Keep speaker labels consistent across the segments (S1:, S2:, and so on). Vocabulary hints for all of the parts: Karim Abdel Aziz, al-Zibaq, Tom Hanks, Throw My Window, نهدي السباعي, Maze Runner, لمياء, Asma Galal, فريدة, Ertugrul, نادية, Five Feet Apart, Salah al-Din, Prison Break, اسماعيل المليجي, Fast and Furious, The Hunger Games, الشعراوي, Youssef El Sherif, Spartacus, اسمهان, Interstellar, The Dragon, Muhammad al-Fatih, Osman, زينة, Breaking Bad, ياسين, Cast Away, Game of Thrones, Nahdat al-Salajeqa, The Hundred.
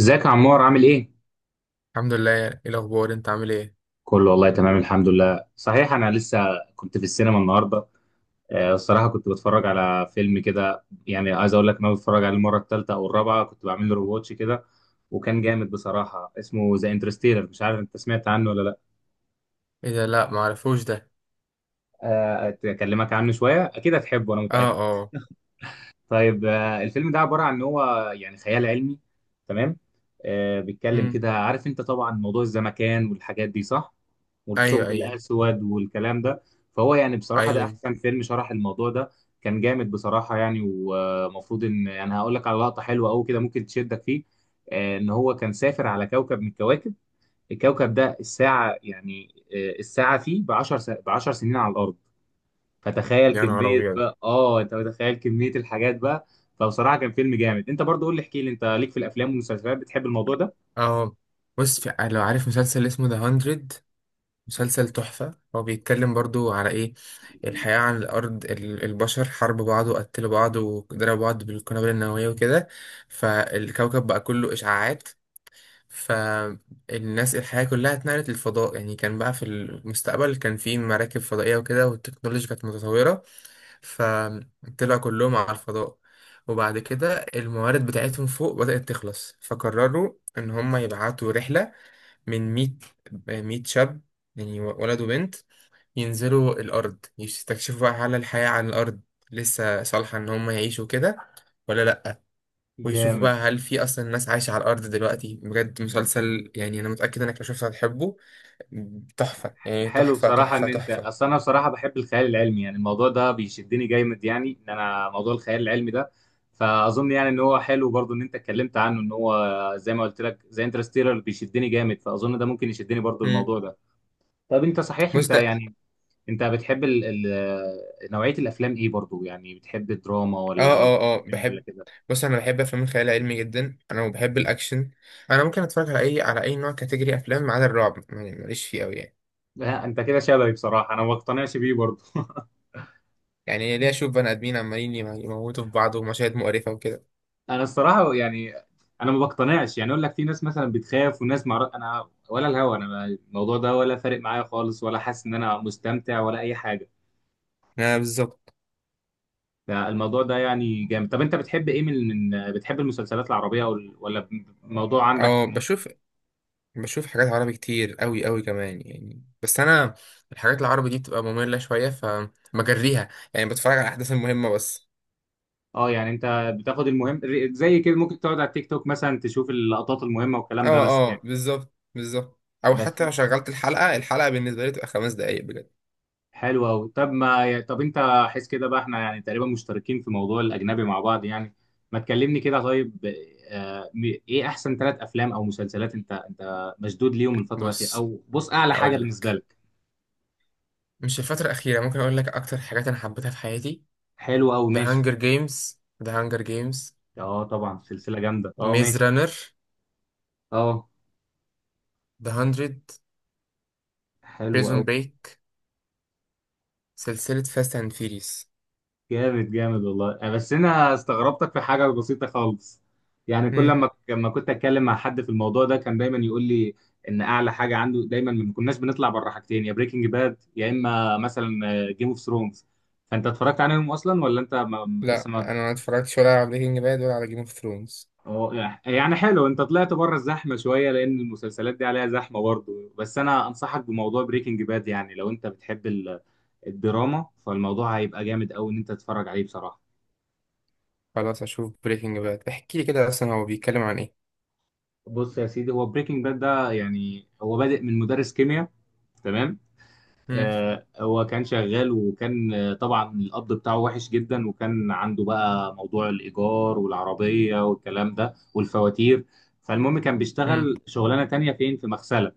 S1: ازيك يا عمار عامل ايه؟
S2: الحمد لله، ايه الاخبار؟ انت عامل ايه؟
S1: كله والله تمام الحمد لله. صحيح، انا لسه كنت في السينما النهارده. الصراحه كنت بتفرج على فيلم كده، يعني عايز اقول لك إن انا بتفرج عليه المره الثالثه او الرابعه، كنت بعمل له رواتش كده. وكان جامد بصراحه، اسمه ذا انترستيلر. مش عارف انت سمعت عنه ولا لا.
S2: ايه ده؟ لا ما عرفوش ده.
S1: اكلمك عنه شويه، اكيد هتحبه انا
S2: اه
S1: متاكد.
S2: اه.
S1: طيب. الفيلم ده عبارة عن ان هو يعني خيال علمي. تمام. بيتكلم
S2: امم.
S1: كده، عارف انت طبعا موضوع الزمكان والحاجات دي، صح.
S2: ايوه
S1: والثقب
S2: ايوه.
S1: الاسود والكلام ده. فهو يعني بصراحة ده
S2: ايوه.
S1: احسن فيلم شرح الموضوع ده. كان جامد بصراحة يعني. ومفروض ان انا هقول لك على لقطة حلوة قوي كده ممكن تشدك فيه. ان هو كان سافر على كوكب من الكواكب. الكوكب ده الساعة يعني، الساعة فيه ب 10 سنين على الارض. فتخيل
S2: يا نهار
S1: كمية
S2: ابيض.
S1: بقى، انت متخيل كمية الحاجات بقى. فبصراحة كان فيلم جامد. انت برضو قول لي احكي لي، انت ليك في الافلام والمسلسلات، بتحب الموضوع ده؟
S2: اه، بص لو عارف مسلسل اسمه ذا 100، مسلسل تحفه. هو بيتكلم برضو على ايه؟ الحياه على الارض، البشر حاربوا بعض وقتلوا بعض وضربوا بعض بالقنابل النوويه وكده، فالكوكب بقى كله اشعاعات. فالناس الحياة كلها اتنقلت للفضاء، يعني كان بقى في المستقبل كان في مراكب فضائية وكده، والتكنولوجيا كانت متطورة، فطلع كلهم على الفضاء. وبعد كده الموارد بتاعتهم فوق بدأت تخلص، فقرروا إن هم يبعتوا رحلة من 100، 100 شاب يعني ولد وبنت، ينزلوا الأرض يستكشفوا بقى هل الحياة على الأرض لسه صالحة إن هم يعيشوا كده ولا لأ، ويشوفوا
S1: جامد.
S2: بقى هل في أصلا ناس عايشة على الأرض دلوقتي. بجد مسلسل، يعني أنا متأكد إنك لو شفته هتحبه. تحفة يعني،
S1: حلو
S2: تحفة
S1: بصراحة
S2: تحفة
S1: ان انت...
S2: تحفة.
S1: اصل انا بصراحة بحب الخيال العلمي يعني، الموضوع ده بيشدني جامد يعني، ان انا موضوع الخيال العلمي ده. فاظن يعني ان هو حلو برضو ان انت اتكلمت عنه. ان هو زي ما قلت لك، زي انترستيلر بيشدني جامد، فاظن ده ممكن يشدني برضو
S2: مم.
S1: الموضوع ده. طب انت صحيح
S2: بص
S1: انت
S2: ده.
S1: يعني، انت بتحب ال نوعية الافلام ايه برضو يعني؟ بتحب الدراما
S2: اه
S1: ولا
S2: اه اه
S1: أكشن ولا
S2: بحب.
S1: كده؟
S2: بص، انا بحب افلام الخيال العلمي جدا انا، وبحب الاكشن. انا ممكن اتفرج على اي نوع كاتيجوري افلام ما عدا الرعب، يعني ماليش فيه قوي يعني.
S1: لا، انت كده شبهي بصراحه، انا ما بقتنعش بيه برضه.
S2: يعني ليه اشوف بني ادمين عمالين يموتوا في بعض ومشاهد مقرفه وكده.
S1: انا الصراحه يعني، انا ما بقتنعش، يعني اقول لك في ناس مثلا بتخاف وناس مع... انا ولا الهوا، انا الموضوع ده ولا فارق معايا خالص، ولا حاسس ان انا مستمتع ولا اي حاجه.
S2: اه بالظبط.
S1: لا، الموضوع ده يعني جامد. طب انت بتحب ايه، من بتحب المسلسلات العربيه ولا الموضوع عندك
S2: اه
S1: في...
S2: بشوف. بشوف حاجات عربي كتير قوي قوي كمان يعني، بس انا الحاجات العربي دي بتبقى مملة شويه فبجريها، يعني بتفرج على الاحداث المهمه بس.
S1: اه يعني انت بتاخد المهم، زي كده ممكن تقعد على التيك توك مثلا تشوف اللقطات المهمه
S2: اه
S1: والكلام ده بس يعني،
S2: اه بالظبط بالظبط. او
S1: بس.
S2: حتى لو شغلت الحلقه بالنسبه لي تبقى 5 دقايق بجد.
S1: حلو قوي. طب ما طب انت حس كده بقى، احنا يعني تقريبا مشتركين في موضوع الاجنبي مع بعض يعني، ما تكلمني كده طيب. آه، م- ايه احسن ثلاث افلام او مسلسلات انت مشدود ليهم الفتره الاخيره،
S2: بص،
S1: او بص اعلى حاجه
S2: هقول
S1: بالنسبه
S2: لك.
S1: لك؟
S2: مش الفترة الأخيرة، ممكن أقول لك أكتر حاجات أنا حبيتها في حياتي.
S1: حلو قوي،
S2: The
S1: ماشي.
S2: Hunger Games. The Hunger Games.
S1: اه طبعا سلسله جامده، اه
S2: Maze
S1: ماشي.
S2: Runner.
S1: اه،
S2: The Hundred.
S1: حلو قوي.
S2: Prison Break. سلسلة Fast and Furious.
S1: جامد جامد والله. بس انا استغربتك في حاجه بسيطه خالص. يعني كل
S2: مم.
S1: لما كنت اتكلم مع حد في الموضوع ده كان دايما يقول لي ان اعلى حاجه عنده دايما، ما كناش بنطلع بره حاجتين: يا بريكنج باد، يا اما مثلا جيم اوف ثرونز. فانت اتفرجت عليهم اصلا ولا انت ما لسه
S2: لا
S1: ما...
S2: أنا ما اتفرجتش ولا على بريكنج باد ولا على جيم اوف ثرونز.
S1: يعني يعني حلو، انت طلعت بره الزحمه شويه لان المسلسلات دي عليها زحمه برضه، بس انا انصحك بموضوع بريكنج باد يعني لو انت بتحب الدراما، فالموضوع هيبقى جامد قوي ان انت تتفرج عليه بصراحه.
S2: خلاص أشوف بريكنج باد، احكي لي كده أصلا هو بيتكلم عن إيه؟
S1: بص يا سيدي، هو بريكنج باد ده يعني هو بادئ من مدرس كيمياء. تمام.
S2: مم.
S1: هو كان شغال، وكان طبعا القبض بتاعه وحش جدا، وكان عنده بقى موضوع الإيجار والعربية والكلام ده والفواتير. فالمهم كان
S2: مم.
S1: بيشتغل شغلانة تانية فين، في مغسلة.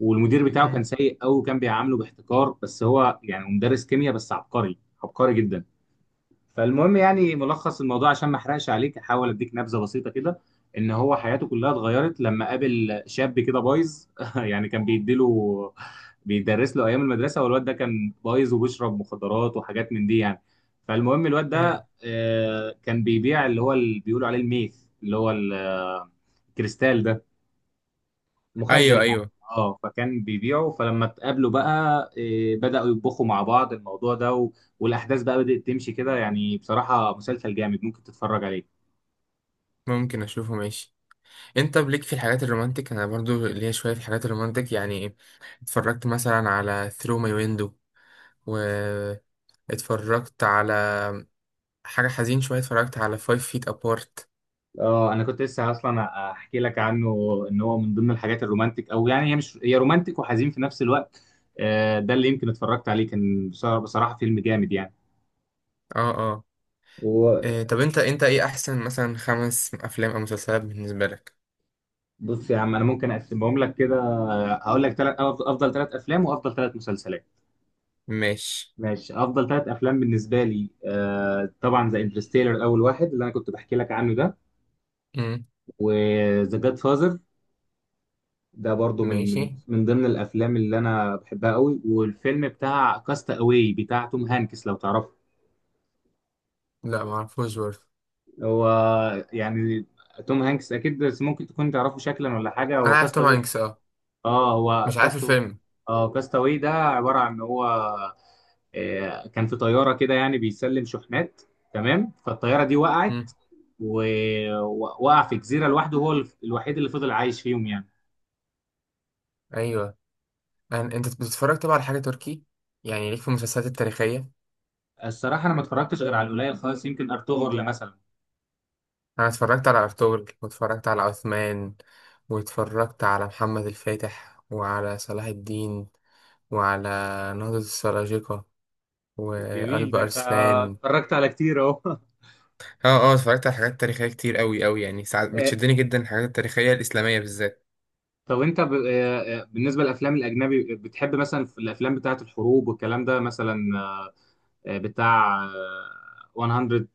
S1: والمدير بتاعه كان
S2: مم.
S1: سيء أوي وكان بيعامله باحتقار، بس هو يعني مدرس كيمياء بس عبقري، عبقري جدا. فالمهم يعني ملخص الموضوع، عشان ما احرقش عليك احاول اديك نبذه بسيطه كده. ان هو حياته كلها اتغيرت لما قابل شاب كده بايظ. يعني كان بيدرس له ايام المدرسه، والواد ده كان بايظ وبيشرب مخدرات وحاجات من دي يعني. فالمهم الواد
S2: مم.
S1: ده كان بيبيع اللي هو اللي بيقولوا عليه الميث، اللي هو الكريستال ده، مخدر
S2: أيوه
S1: يعني.
S2: أيوه.
S1: اه فكان بيبيعه. فلما اتقابلوا بقى إيه، بدأوا يطبخوا مع بعض الموضوع ده و... والأحداث بقى بدأت تمشي كده يعني. بصراحة مسلسل جامد ممكن تتفرج عليه.
S2: ممكن أشوفه ماشي. أنت بليك في الحاجات الرومانتك، أنا برضو ليا شوية في الحاجات الرومانتك يعني. اتفرجت مثلا على ثرو ماي ويندو، و اتفرجت على حاجة حزين شوية، اتفرجت على Five Feet Apart.
S1: اه انا كنت لسه اصلا احكي لك عنه، ان هو من ضمن الحاجات الرومانتك، او يعني هي مش، هي رومانتك وحزين في نفس الوقت. ده اللي يمكن اتفرجت عليه، كان بصراحة بصراحة فيلم جامد يعني.
S2: اه اه.
S1: وبص.
S2: إيه طب انت ايه احسن مثلا 5 افلام او مسلسلات بالنسبة لك؟
S1: يا عم انا ممكن اقسمهم لك كده، هقول لك افضل ثلاث افلام وافضل ثلاث مسلسلات.
S2: ماشي.
S1: ماشي. افضل ثلاث افلام بالنسبه لي، طبعا ذا انترستيلر اول واحد، اللي انا كنت بحكي لك عنه ده.
S2: امم.
S1: وذا جاد فازر، ده برضو
S2: ماشي.
S1: من ضمن الافلام اللي انا بحبها قوي. والفيلم بتاع كاست اواي بتاع توم هانكس، لو تعرفه.
S2: لا معرفوش برضه.
S1: هو يعني توم هانكس اكيد، بس ممكن تكون تعرفه شكلا ولا حاجه،
S2: انا
S1: هو
S2: عارف
S1: كاست.
S2: توم هانكس اه.
S1: اه هو
S2: مش عارف
S1: كاست.
S2: الفيلم.
S1: اه كاست اواي ده عباره عن ان هو كان في طياره كده يعني بيسلم شحنات. تمام. فالطياره دي وقعت،
S2: امم.
S1: ووقع في جزيره لوحده، هو الوحيد اللي فضل عايش فيهم يعني.
S2: ايوه. انت بتتفرج طبعا على حاجة تركي، يعني ليك في المسلسلات التاريخية.
S1: الصراحه انا ما اتفرجتش غير على القليل خالص، يمكن ارطغرل مثلا.
S2: انا اتفرجت على ارطغرل، واتفرجت على عثمان، واتفرجت على محمد الفاتح، وعلى صلاح الدين، وعلى نهضة السلاجقة،
S1: جميل،
S2: وقلب
S1: ده انت
S2: أرسلان.
S1: اتفرجت على كتير اهو.
S2: اه اه اتفرجت على حاجات تاريخية كتير قوي قوي، يعني ساعات
S1: آه،
S2: بتشدني جدا الحاجات التاريخية الإسلامية بالذات.
S1: طب انت ب... بالنسبه للافلام الاجنبي، بتحب مثلا في الافلام بتاعه الحروب والكلام ده مثلا، بتاع 100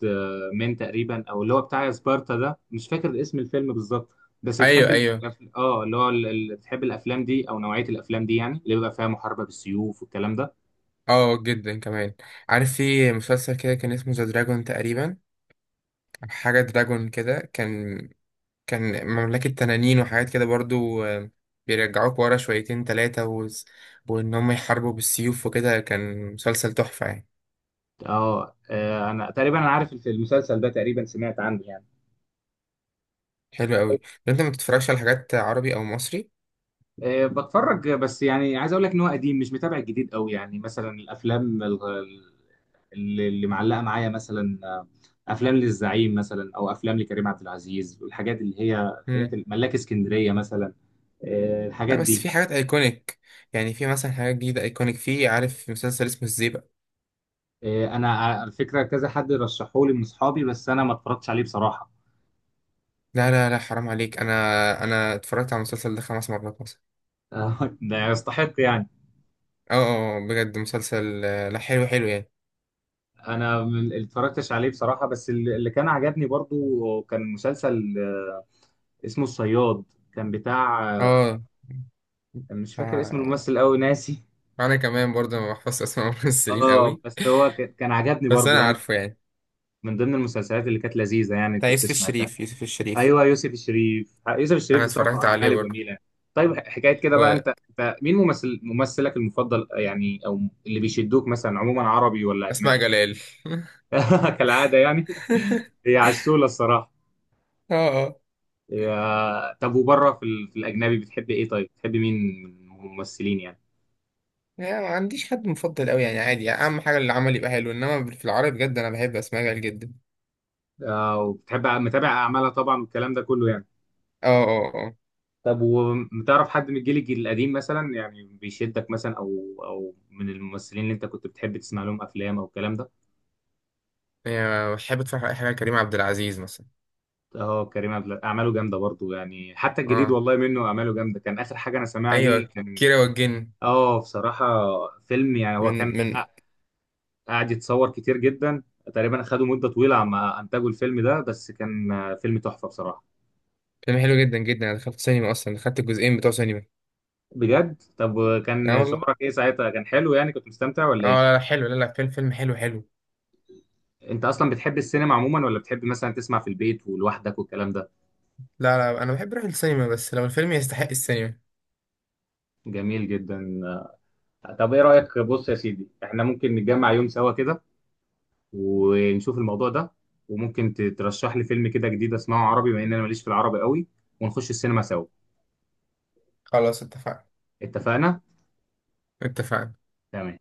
S1: مين تقريبا، او اللي هو بتاع سبارتا ده، مش فاكر اسم الفيلم بالظبط. بس
S2: ايوه
S1: بتحب
S2: ايوه.
S1: الأف- اه اللي هو ال- ال- بتحب الافلام دي او نوعيه الافلام دي يعني اللي بيبقى فيها محاربه بالسيوف والكلام ده.
S2: اه جدا كمان. عارف في مسلسل كده كان اسمه ذا دراجون تقريبا، أو حاجة دراجون كده، كان مملكة تنانين وحاجات كده برضو. بيرجعوك ورا شويتين تلاتة وإن هم يحاربوا بالسيوف وكده، كان مسلسل تحفة يعني.
S1: اه انا تقريبا انا عارف المسلسل ده تقريبا، سمعت عنه يعني.
S2: حلو قوي. طب انت ما بتتفرجش على حاجات عربي او مصري؟
S1: بتفرج، بس يعني عايز اقول لك ان هو قديم، مش متابع الجديد قوي يعني. مثلا الافلام اللي معلقه معايا مثلا، افلام للزعيم مثلا، او افلام لكريم عبد العزيز والحاجات اللي هي الحاجات ملاك اسكندريه مثلا،
S2: لا
S1: الحاجات
S2: بس
S1: دي.
S2: في حاجات ايكونيك، يعني في مثلا حاجات جديده ايكونيك في. عارف في مسلسل اسمه الزيبق.
S1: انا على فكره كذا حد رشحولي من اصحابي، بس انا ما اتفرجتش عليه بصراحه.
S2: لا لا لا حرام عليك، انا اتفرجت على المسلسل ده 5 مرات مثلا.
S1: ده يستحق يعني.
S2: اه اه بجد مسلسل، لا حلو حلو يعني.
S1: انا ما اتفرجتش عليه بصراحه، بس اللي كان عجبني برضو كان مسلسل اسمه الصياد. كان بتاع
S2: اه
S1: مش فاكر اسم
S2: آه،
S1: الممثل قوي، ناسي.
S2: انا كمان برضه ما بحفظش اسماء الممثلين
S1: اه
S2: قوي.
S1: بس هو كان عجبني
S2: بس
S1: برضو
S2: انا
S1: يعني،
S2: عارفه يعني.
S1: من ضمن المسلسلات اللي كانت لذيذه يعني،
S2: بتاع
S1: كنت
S2: يوسف
S1: سمعتها.
S2: الشريف، يوسف الشريف.
S1: ايوه يوسف الشريف، يوسف الشريف
S2: انا
S1: بصراحه
S2: اتفرجت عليه
S1: اعماله
S2: برضه.
S1: جميله. طيب حكايه كده بقى، انت مين ممثل، ممثلك المفضل يعني، او اللي بيشدوك مثلا عموما، عربي ولا
S2: واسماء
S1: اجنبي؟
S2: جلال.
S1: كالعاده يعني. هي عسوله الصراحه.
S2: اه اه.
S1: يا... طب وبره في، ال... في الاجنبي بتحب ايه طيب، بتحب مين من الممثلين يعني؟
S2: يعني ما عنديش حد مفضل قوي يعني، عادي يعني، اهم حاجه العمل يبقى حلو، انما في العربي بجد انا بحب اسماء جلال جدا.
S1: وبتحب متابع اعمالها طبعا والكلام ده كله يعني.
S2: اه اه أه.
S1: طب وبتعرف حد من الجيل القديم مثلا، يعني بيشدك مثلا، او من الممثلين اللي انت كنت بتحب تسمع لهم افلام او الكلام ده؟
S2: يعني بحب اتفرج على اي حاجه، كريم عبد العزيز مثلا.
S1: اه كريم اعماله جامده برضو يعني، حتى الجديد
S2: اه
S1: والله منه اعماله جامده. كان اخر حاجه انا سامعها ليه
S2: ايوه
S1: كان...
S2: كيرة والجن.
S1: اه بصراحه فيلم، يعني هو كان
S2: من.
S1: قاعد يتصور كتير جدا. تقريبا خدوا مده طويله عما انتجوا الفيلم ده، بس كان فيلم تحفه بصراحه.
S2: فيلم حلو جدا جدا، انا دخلت سينما، اصلا دخلت الجزئين بتوع سينما.
S1: بجد؟ طب
S2: اه
S1: كان
S2: والله.
S1: شعورك ايه ساعتها، كان حلو يعني، كنت مستمتع ولا
S2: اه لا
S1: ايه؟
S2: لا حلو، لا لا فيلم فيلم حلو حلو.
S1: انت اصلا بتحب السينما عموما، ولا بتحب مثلا تسمع في البيت ولوحدك والكلام ده؟
S2: لا لا انا بحب اروح السينما بس لو الفيلم يستحق السينما.
S1: جميل جدا. طب ايه رايك، بص يا سيدي، احنا ممكن نتجمع يوم سوا كده ونشوف الموضوع ده، وممكن ترشح لي فيلم كده جديد اسمعه عربي، بما ان انا ماليش في العربي قوي، ونخش السينما سوا.
S2: خلاص اتفقنا.
S1: اتفقنا.
S2: اتفقنا.
S1: تمام.